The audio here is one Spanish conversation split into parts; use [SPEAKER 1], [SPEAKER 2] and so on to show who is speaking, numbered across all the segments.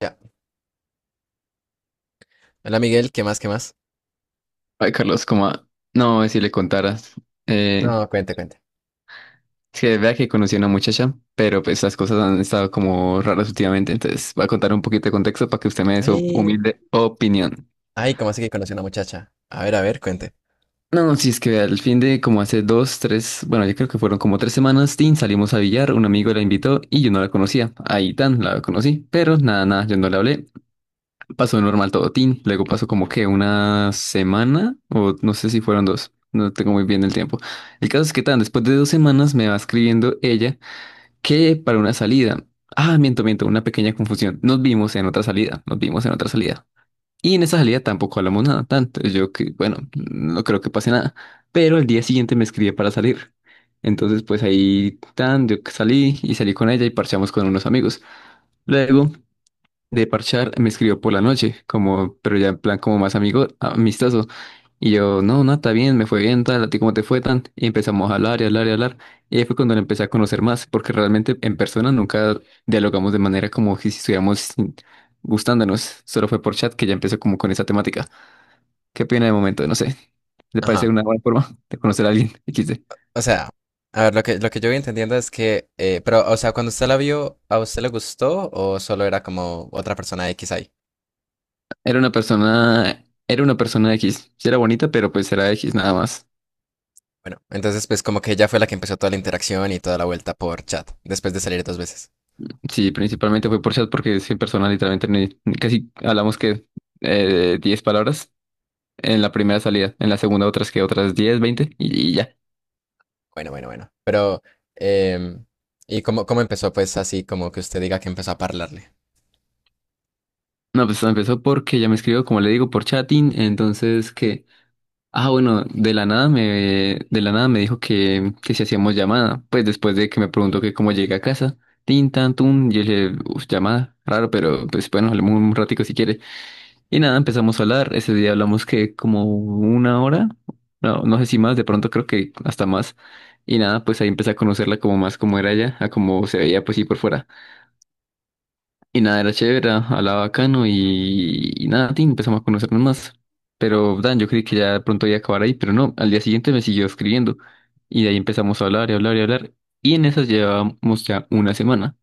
[SPEAKER 1] Ya. Hola Miguel, ¿qué más? ¿Qué más?
[SPEAKER 2] Ay, Carlos, como, no, si le contaras. Eh,
[SPEAKER 1] No, cuente, cuente.
[SPEAKER 2] es que vea que conocí a una muchacha, pero pues las cosas han estado como raras últimamente, entonces voy a contar un poquito de contexto para que usted me dé su
[SPEAKER 1] Ay,
[SPEAKER 2] humilde opinión.
[SPEAKER 1] ay, ¿cómo así que conocí a una muchacha? A ver, cuente.
[SPEAKER 2] No, si es que vea, al fin de como hace dos, tres, bueno, yo creo que fueron como 3 semanas, Tin, salimos a billar, un amigo la invitó y yo no la conocía. Ahí tan, la conocí, pero nada, nada, yo no le hablé. Pasó normal todo, tin. Luego pasó como que una semana, o no sé si fueron dos, no tengo muy bien el tiempo. El caso es que tan, después de 2 semanas me va escribiendo ella que para una salida. Ah, miento, miento, una pequeña confusión. Nos vimos en otra salida, nos vimos en otra salida. Y en esa salida tampoco hablamos nada, tanto. Yo que, bueno, no creo que pase nada. Pero al día siguiente me escribía para salir. Entonces, pues ahí tan, yo salí y salí con ella y parchamos con unos amigos. Luego de parchar, me escribió por la noche, como, pero ya en plan como más amigo, amistoso. Y yo, no, no, está bien, me fue bien, tal, a ti cómo te fue tan. Y empezamos a hablar y hablar y hablar. Y ahí fue cuando la empecé a conocer más, porque realmente en persona nunca dialogamos de manera como que si estuviéramos gustándonos. Solo fue por chat que ya empezó como con esa temática. ¿Qué pena de momento? No sé. ¿Le
[SPEAKER 1] Ajá.
[SPEAKER 2] parece una buena forma de conocer a alguien? XD.
[SPEAKER 1] O sea, a ver, lo que yo voy entendiendo es que, pero, o sea, cuando usted la vio, ¿a usted le gustó o solo era como otra persona X ahí?
[SPEAKER 2] Era una persona X. Sí era bonita, pero pues era X nada más.
[SPEAKER 1] Bueno, entonces pues como que ella fue la que empezó toda la interacción y toda la vuelta por chat, después de salir dos veces.
[SPEAKER 2] Sí, principalmente fue por chat porque 100 personas literalmente casi hablamos que 10 palabras en la primera salida, en la segunda otras que otras 10, 20 y ya.
[SPEAKER 1] Bueno, bueno, bueno. Pero, em, ¿y cómo, cómo empezó pues así como que usted diga que empezó a parlarle?
[SPEAKER 2] No, pues empezó porque ya me escribió, como le digo, por chatting, entonces que, ah, bueno, de la nada me dijo que si hacíamos llamada, pues después de que me preguntó que cómo llegué a casa, tin, tan, tun, y yo le dije, "Uf, llamada, raro, pero pues bueno, hablemos un ratico si quiere". Y nada, empezamos a hablar. Ese día hablamos que como una hora, no, no sé si más, de pronto creo que hasta más. Y nada, pues ahí empecé a conocerla como más como era ella, a cómo se veía pues sí por fuera. Y nada, era chévere, hablaba bacano y nada, tin, empezamos a conocernos más. Pero Dan, yo creí que ya de pronto iba a acabar ahí, pero no, al día siguiente me siguió escribiendo. Y de ahí empezamos a hablar y hablar y hablar. Y en esas llevábamos ya una semana.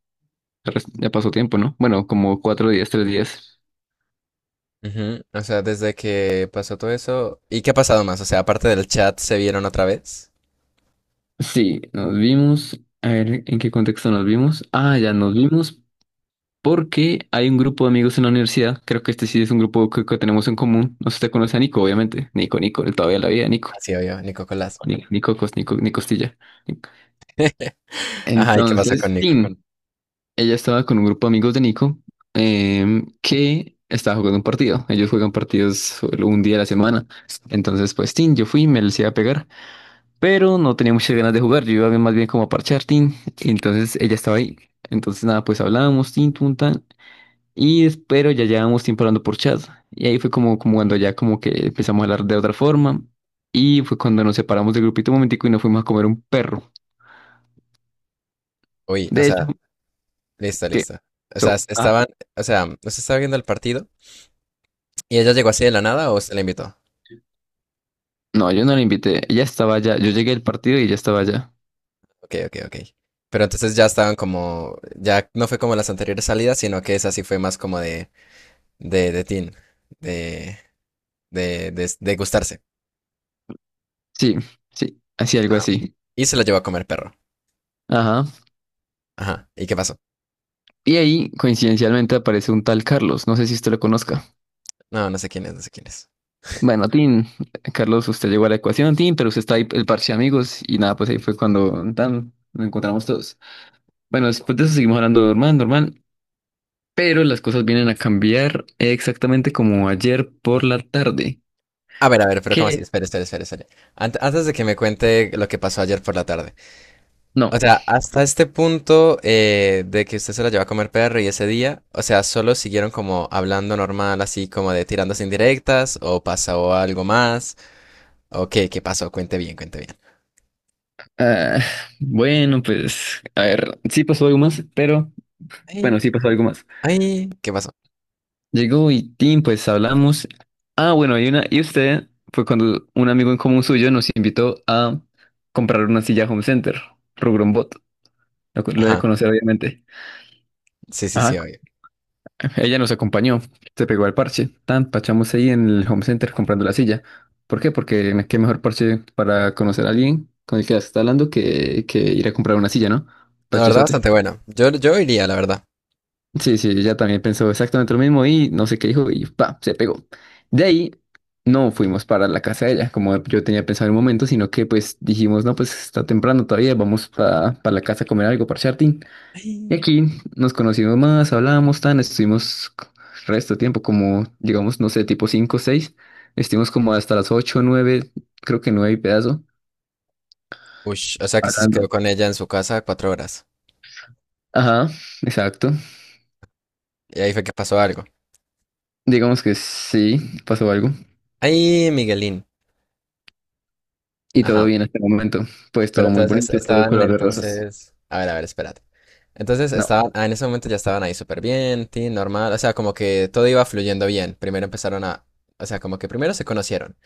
[SPEAKER 2] Ya pasó tiempo, ¿no? Bueno, como 4 días, 3 días.
[SPEAKER 1] Ujú, o sea, desde que pasó todo eso. ¿Y qué ha pasado más? O sea, aparte del chat, ¿se vieron otra vez?
[SPEAKER 2] Sí, nos vimos. A ver, ¿en qué contexto nos vimos? Ah,
[SPEAKER 1] Ay,
[SPEAKER 2] ya nos vimos porque hay un grupo de amigos en la universidad. Creo que este sí es un grupo que tenemos en común. No sé si te conoce a Nico, obviamente. Nico, Nico, él todavía la vida, Nico.
[SPEAKER 1] ah, sí, obvio, Nico Colás.
[SPEAKER 2] Ni, Nico, Nico, Nico Costilla.
[SPEAKER 1] Ajá, ¿y qué pasó
[SPEAKER 2] Entonces,
[SPEAKER 1] con
[SPEAKER 2] sí,
[SPEAKER 1] Nico?
[SPEAKER 2] bueno, ella estaba con un grupo de amigos de Nico, que estaba jugando un partido. Ellos juegan partidos solo un día a la semana. Entonces, pues, sí, yo fui y me les iba a pegar. Pero no tenía muchas ganas de jugar, yo iba más bien como a parchar, tin. Y entonces ella estaba ahí. Entonces nada, pues hablábamos, tin, tun, tan. Y pero ya llevábamos tiempo hablando por chat. Y ahí fue como, como cuando ya como que empezamos a hablar de otra forma. Y fue cuando nos separamos del grupito un momentico y nos fuimos a comer un perro.
[SPEAKER 1] Uy, o
[SPEAKER 2] De hecho,
[SPEAKER 1] sea, listo,
[SPEAKER 2] que.
[SPEAKER 1] listo. O
[SPEAKER 2] So,
[SPEAKER 1] sea,
[SPEAKER 2] ah,
[SPEAKER 1] estaban, o sea, ¿usted estaba viendo el partido? ¿Y ella llegó así de la nada o se la invitó?
[SPEAKER 2] no, yo no la invité. Ella estaba allá. Yo llegué al partido y ella estaba allá.
[SPEAKER 1] Ok, ok, ok. Pero entonces ya estaban como, ya no fue como las anteriores salidas, sino que esa sí fue más como de, de teen, de, de gustarse.
[SPEAKER 2] Sí, sí, así algo
[SPEAKER 1] Ah.
[SPEAKER 2] así.
[SPEAKER 1] Y se la llevó a comer perro.
[SPEAKER 2] Ajá.
[SPEAKER 1] Ajá, ¿y qué pasó?
[SPEAKER 2] Y ahí, coincidencialmente, aparece un tal Carlos. No sé si usted lo conozca.
[SPEAKER 1] No, no sé quién es, no sé quién es.
[SPEAKER 2] Bueno, Tin, Carlos, usted llegó a la ecuación, Tin, pero usted está ahí, el parche de amigos, y nada, pues ahí fue cuando tan, nos encontramos todos. Bueno, después de eso seguimos hablando normal, normal, pero las cosas vienen a cambiar exactamente como ayer por la tarde.
[SPEAKER 1] A ver, pero ¿cómo así?
[SPEAKER 2] ¿Qué?
[SPEAKER 1] Espera, espera, espera, espera. Antes de que me cuente lo que pasó ayer por la tarde.
[SPEAKER 2] No.
[SPEAKER 1] O sea, hasta este punto de que usted se la llevó a comer perro y ese día, o sea, solo siguieron como hablando normal, así como de tirándose indirectas, o pasó algo más, o qué, qué pasó, cuente bien, cuente bien.
[SPEAKER 2] Ah, bueno, pues, a ver, sí pasó algo más, pero,
[SPEAKER 1] Ay,
[SPEAKER 2] bueno, sí pasó algo más.
[SPEAKER 1] ay, ¿qué pasó?
[SPEAKER 2] Llegó y Tim, pues hablamos. Ah, bueno, y usted fue cuando un amigo en común suyo nos invitó a comprar una silla Home Center, Rugrombot. Lo debe
[SPEAKER 1] Ajá,
[SPEAKER 2] conocer, obviamente.
[SPEAKER 1] sí, sí, sí,
[SPEAKER 2] Ajá,
[SPEAKER 1] obvio.
[SPEAKER 2] ella nos acompañó, se pegó al parche. Tan, pachamos ahí en el home center comprando la silla. ¿Por qué? Porque qué mejor parche para conocer a alguien con el que se está hablando que ir a comprar una silla, ¿no?
[SPEAKER 1] La verdad,
[SPEAKER 2] Parchezote.
[SPEAKER 1] bastante bueno. Yo iría, la verdad.
[SPEAKER 2] Sí, sí, ella también pensó exactamente lo mismo y no sé qué dijo y pa, se pegó. De ahí no fuimos para la casa de ella, como yo tenía pensado en un momento, sino que pues dijimos, no, pues está temprano todavía, vamos para la casa a comer algo, parchar. Y
[SPEAKER 1] Ay.
[SPEAKER 2] aquí nos conocimos más, hablábamos tan, estuvimos resto de tiempo, como digamos, no sé, tipo 5 o seis, estuvimos como hasta las ocho o 9, creo que 9 y pedazo,
[SPEAKER 1] Ush, o sea que usted se quedó
[SPEAKER 2] hablando.
[SPEAKER 1] con ella en su casa 4 horas.
[SPEAKER 2] Ajá, exacto.
[SPEAKER 1] Y ahí fue que pasó algo.
[SPEAKER 2] Digamos que sí, pasó algo.
[SPEAKER 1] Ay, Miguelín.
[SPEAKER 2] Y todo
[SPEAKER 1] Ajá.
[SPEAKER 2] bien hasta el momento. Pues
[SPEAKER 1] Pero
[SPEAKER 2] todo muy
[SPEAKER 1] entonces
[SPEAKER 2] bonito, todo
[SPEAKER 1] estaban
[SPEAKER 2] color de rosas.
[SPEAKER 1] entonces, a ver, espérate. Entonces
[SPEAKER 2] No,
[SPEAKER 1] estaban, ah, en ese momento ya estaban ahí súper bien, tin, normal, o sea, como que todo iba fluyendo bien. Primero empezaron a, o sea, como que primero se conocieron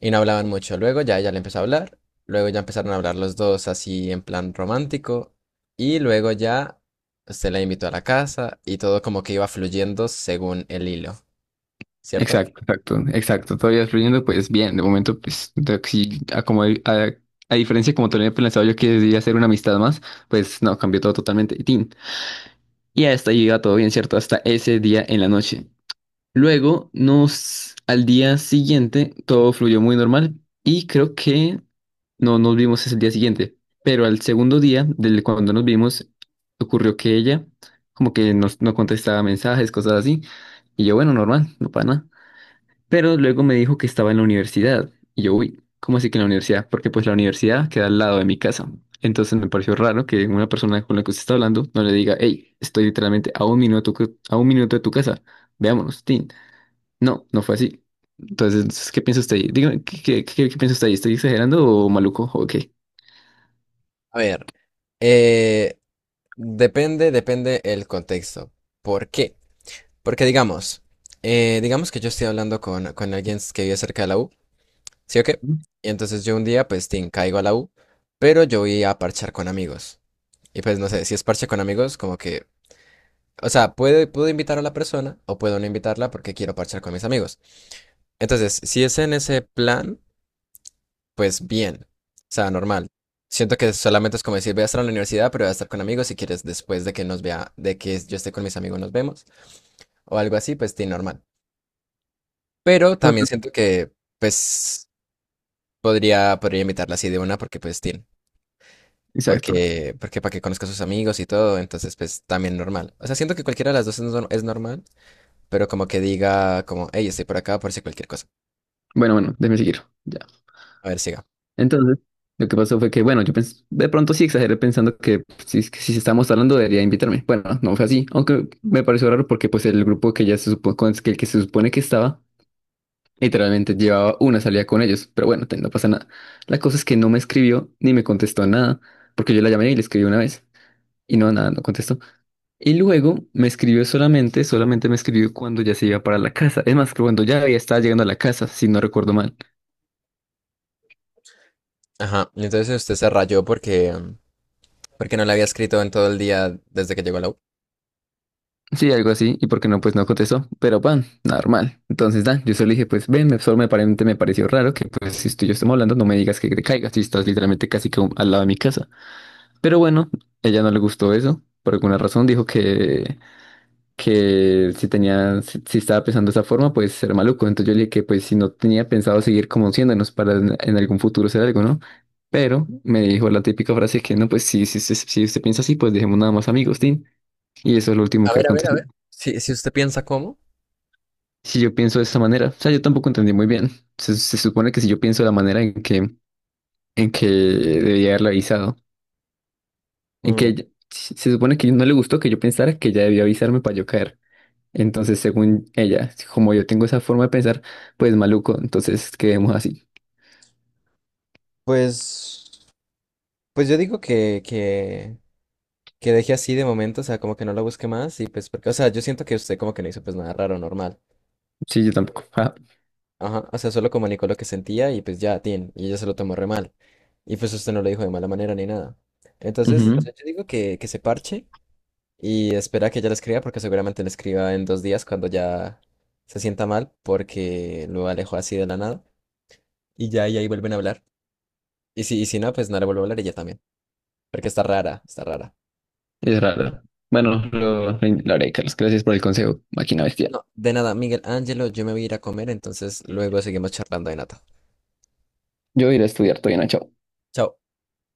[SPEAKER 1] y no hablaban mucho, luego ya ella le empezó a hablar, luego ya empezaron a hablar los dos así en plan romántico y luego ya se la invitó a la casa y todo como que iba fluyendo según el hilo, ¿cierto?
[SPEAKER 2] exacto, exacto, exacto. Todavía fluyendo, pues bien, de momento, pues, sí, como, a diferencia como tenía pensado yo que debía hacer una amistad más, pues no, cambió todo totalmente. Y tin, y hasta ahí iba todo bien, ¿cierto? Hasta ese día en la noche. Luego, al día siguiente, todo fluyó muy normal y creo que no nos vimos ese día siguiente. Pero al segundo día, del cuando nos vimos, ocurrió que ella como que no contestaba mensajes, cosas así. Y yo, bueno, normal, no para nada. Pero luego me dijo que estaba en la universidad. Y yo, uy, ¿cómo así que en la universidad? Porque pues la universidad queda al lado de mi casa. Entonces me pareció raro que una persona con la que usted está hablando no le diga, hey, estoy literalmente a un minuto, a un minuto de tu casa. Veámonos, Tin. No, no fue así. Entonces, ¿qué piensa usted ahí? Dígame, ¿qué piensa usted ahí? ¿Estoy exagerando o maluco? ¿O qué?
[SPEAKER 1] A ver, eh, depende el contexto. ¿Por qué? Porque digamos, digamos que yo estoy hablando con alguien que vive cerca de la U, ¿sí o qué? Y entonces yo un día, pues, tin, caigo a la U, pero yo voy a parchar con amigos. Y pues, no sé, si es parche con amigos, como que, o sea, puedo invitar a la persona o puedo no invitarla porque quiero parchar con mis amigos. Entonces, si es en ese plan, pues bien, o sea, normal. Siento que solamente es como decir, voy a estar en la universidad, pero voy a estar con amigos si quieres después de que nos vea, de que yo esté con mis amigos, nos vemos, o algo así, pues, tin, normal. Pero también
[SPEAKER 2] Bueno,
[SPEAKER 1] siento que, pues, podría invitarla así de una porque, pues, tiene.
[SPEAKER 2] exacto.
[SPEAKER 1] Porque, porque para que conozca a sus amigos y todo, entonces, pues, también normal. O sea, siento que cualquiera de las dos es, es normal, pero como que diga, como, hey, estoy por acá por si cualquier cosa.
[SPEAKER 2] Bueno, bueno, déjeme seguir.
[SPEAKER 1] A ver, siga.
[SPEAKER 2] Entonces, lo que pasó fue que, bueno, yo de pronto sí exageré pensando que pues, si, que si estamos hablando debería invitarme. Bueno, no fue así, aunque me pareció raro porque pues el grupo que ya se con el que se supone que estaba, literalmente llevaba una salida con ellos, pero bueno, no pasa nada. La cosa es que no me escribió ni me contestó nada, porque yo la llamé y le escribí una vez y no, nada, no contestó. Y luego me escribió solamente, solamente me escribió cuando ya se iba para la casa. Es más, cuando ya había estaba llegando a la casa, si no recuerdo mal.
[SPEAKER 1] Ajá. Y entonces usted se rayó porque, porque no le había escrito en todo el día desde que llegó a la U.
[SPEAKER 2] Sí, algo así, y porque no, pues no contestó, pero pan, normal. Entonces, da, yo solo dije, pues ven, solo me pareció raro que, pues, si tú y yo estamos hablando, no me digas que te caigas, si estás literalmente casi que al lado de mi casa. Pero bueno, ella no le gustó eso, por alguna razón dijo que si tenía, si, si estaba pensando de esa forma, pues era maluco. Entonces yo le dije que, pues, si no tenía pensado seguir conociéndonos para en algún futuro ser algo, ¿no? Pero me dijo la típica frase que, no, pues, si usted piensa así, pues dejemos nada más amigos, Tim. Y eso es lo último
[SPEAKER 1] A
[SPEAKER 2] que
[SPEAKER 1] ver, a ver, a
[SPEAKER 2] aconteció.
[SPEAKER 1] ver. Si, si usted piensa cómo.
[SPEAKER 2] Si yo pienso de esa manera. O sea, yo tampoco entendí muy bien. Se supone que si yo pienso de la manera en que debía haberle avisado, en que
[SPEAKER 1] mm,
[SPEAKER 2] ella- se se supone que no le gustó que yo pensara que ella debía avisarme para yo caer. Entonces, según ella, como yo tengo esa forma de pensar, pues maluco, entonces quedemos así.
[SPEAKER 1] Pues, pues yo digo que, que deje así de momento, o sea, como que no la busque más y pues porque, o sea, yo siento que usted como que no hizo pues nada raro, normal.
[SPEAKER 2] Sí, yo tampoco. Ah,
[SPEAKER 1] Ajá, o sea, solo comunicó lo que sentía y pues ya, tin, y ella se lo tomó re mal. Y pues usted no lo dijo de mala manera ni nada. Entonces,
[SPEAKER 2] ujú,
[SPEAKER 1] yo digo que se parche y espera que ella le escriba porque seguramente le escriba en 2 días cuando ya se sienta mal porque lo alejó así de la nada y ya y ahí vuelven a hablar. Y si no, pues no le vuelvo a hablar ella también, porque está rara, está rara.
[SPEAKER 2] es raro. Bueno, lo haré, Carlos. Gracias por el consejo, máquina bestia.
[SPEAKER 1] No, de nada, Miguel Ángelo, yo me voy a ir a comer, entonces luego seguimos charlando de nata.
[SPEAKER 2] Yo iré a estudiar, todavía no, chao.
[SPEAKER 1] Chao.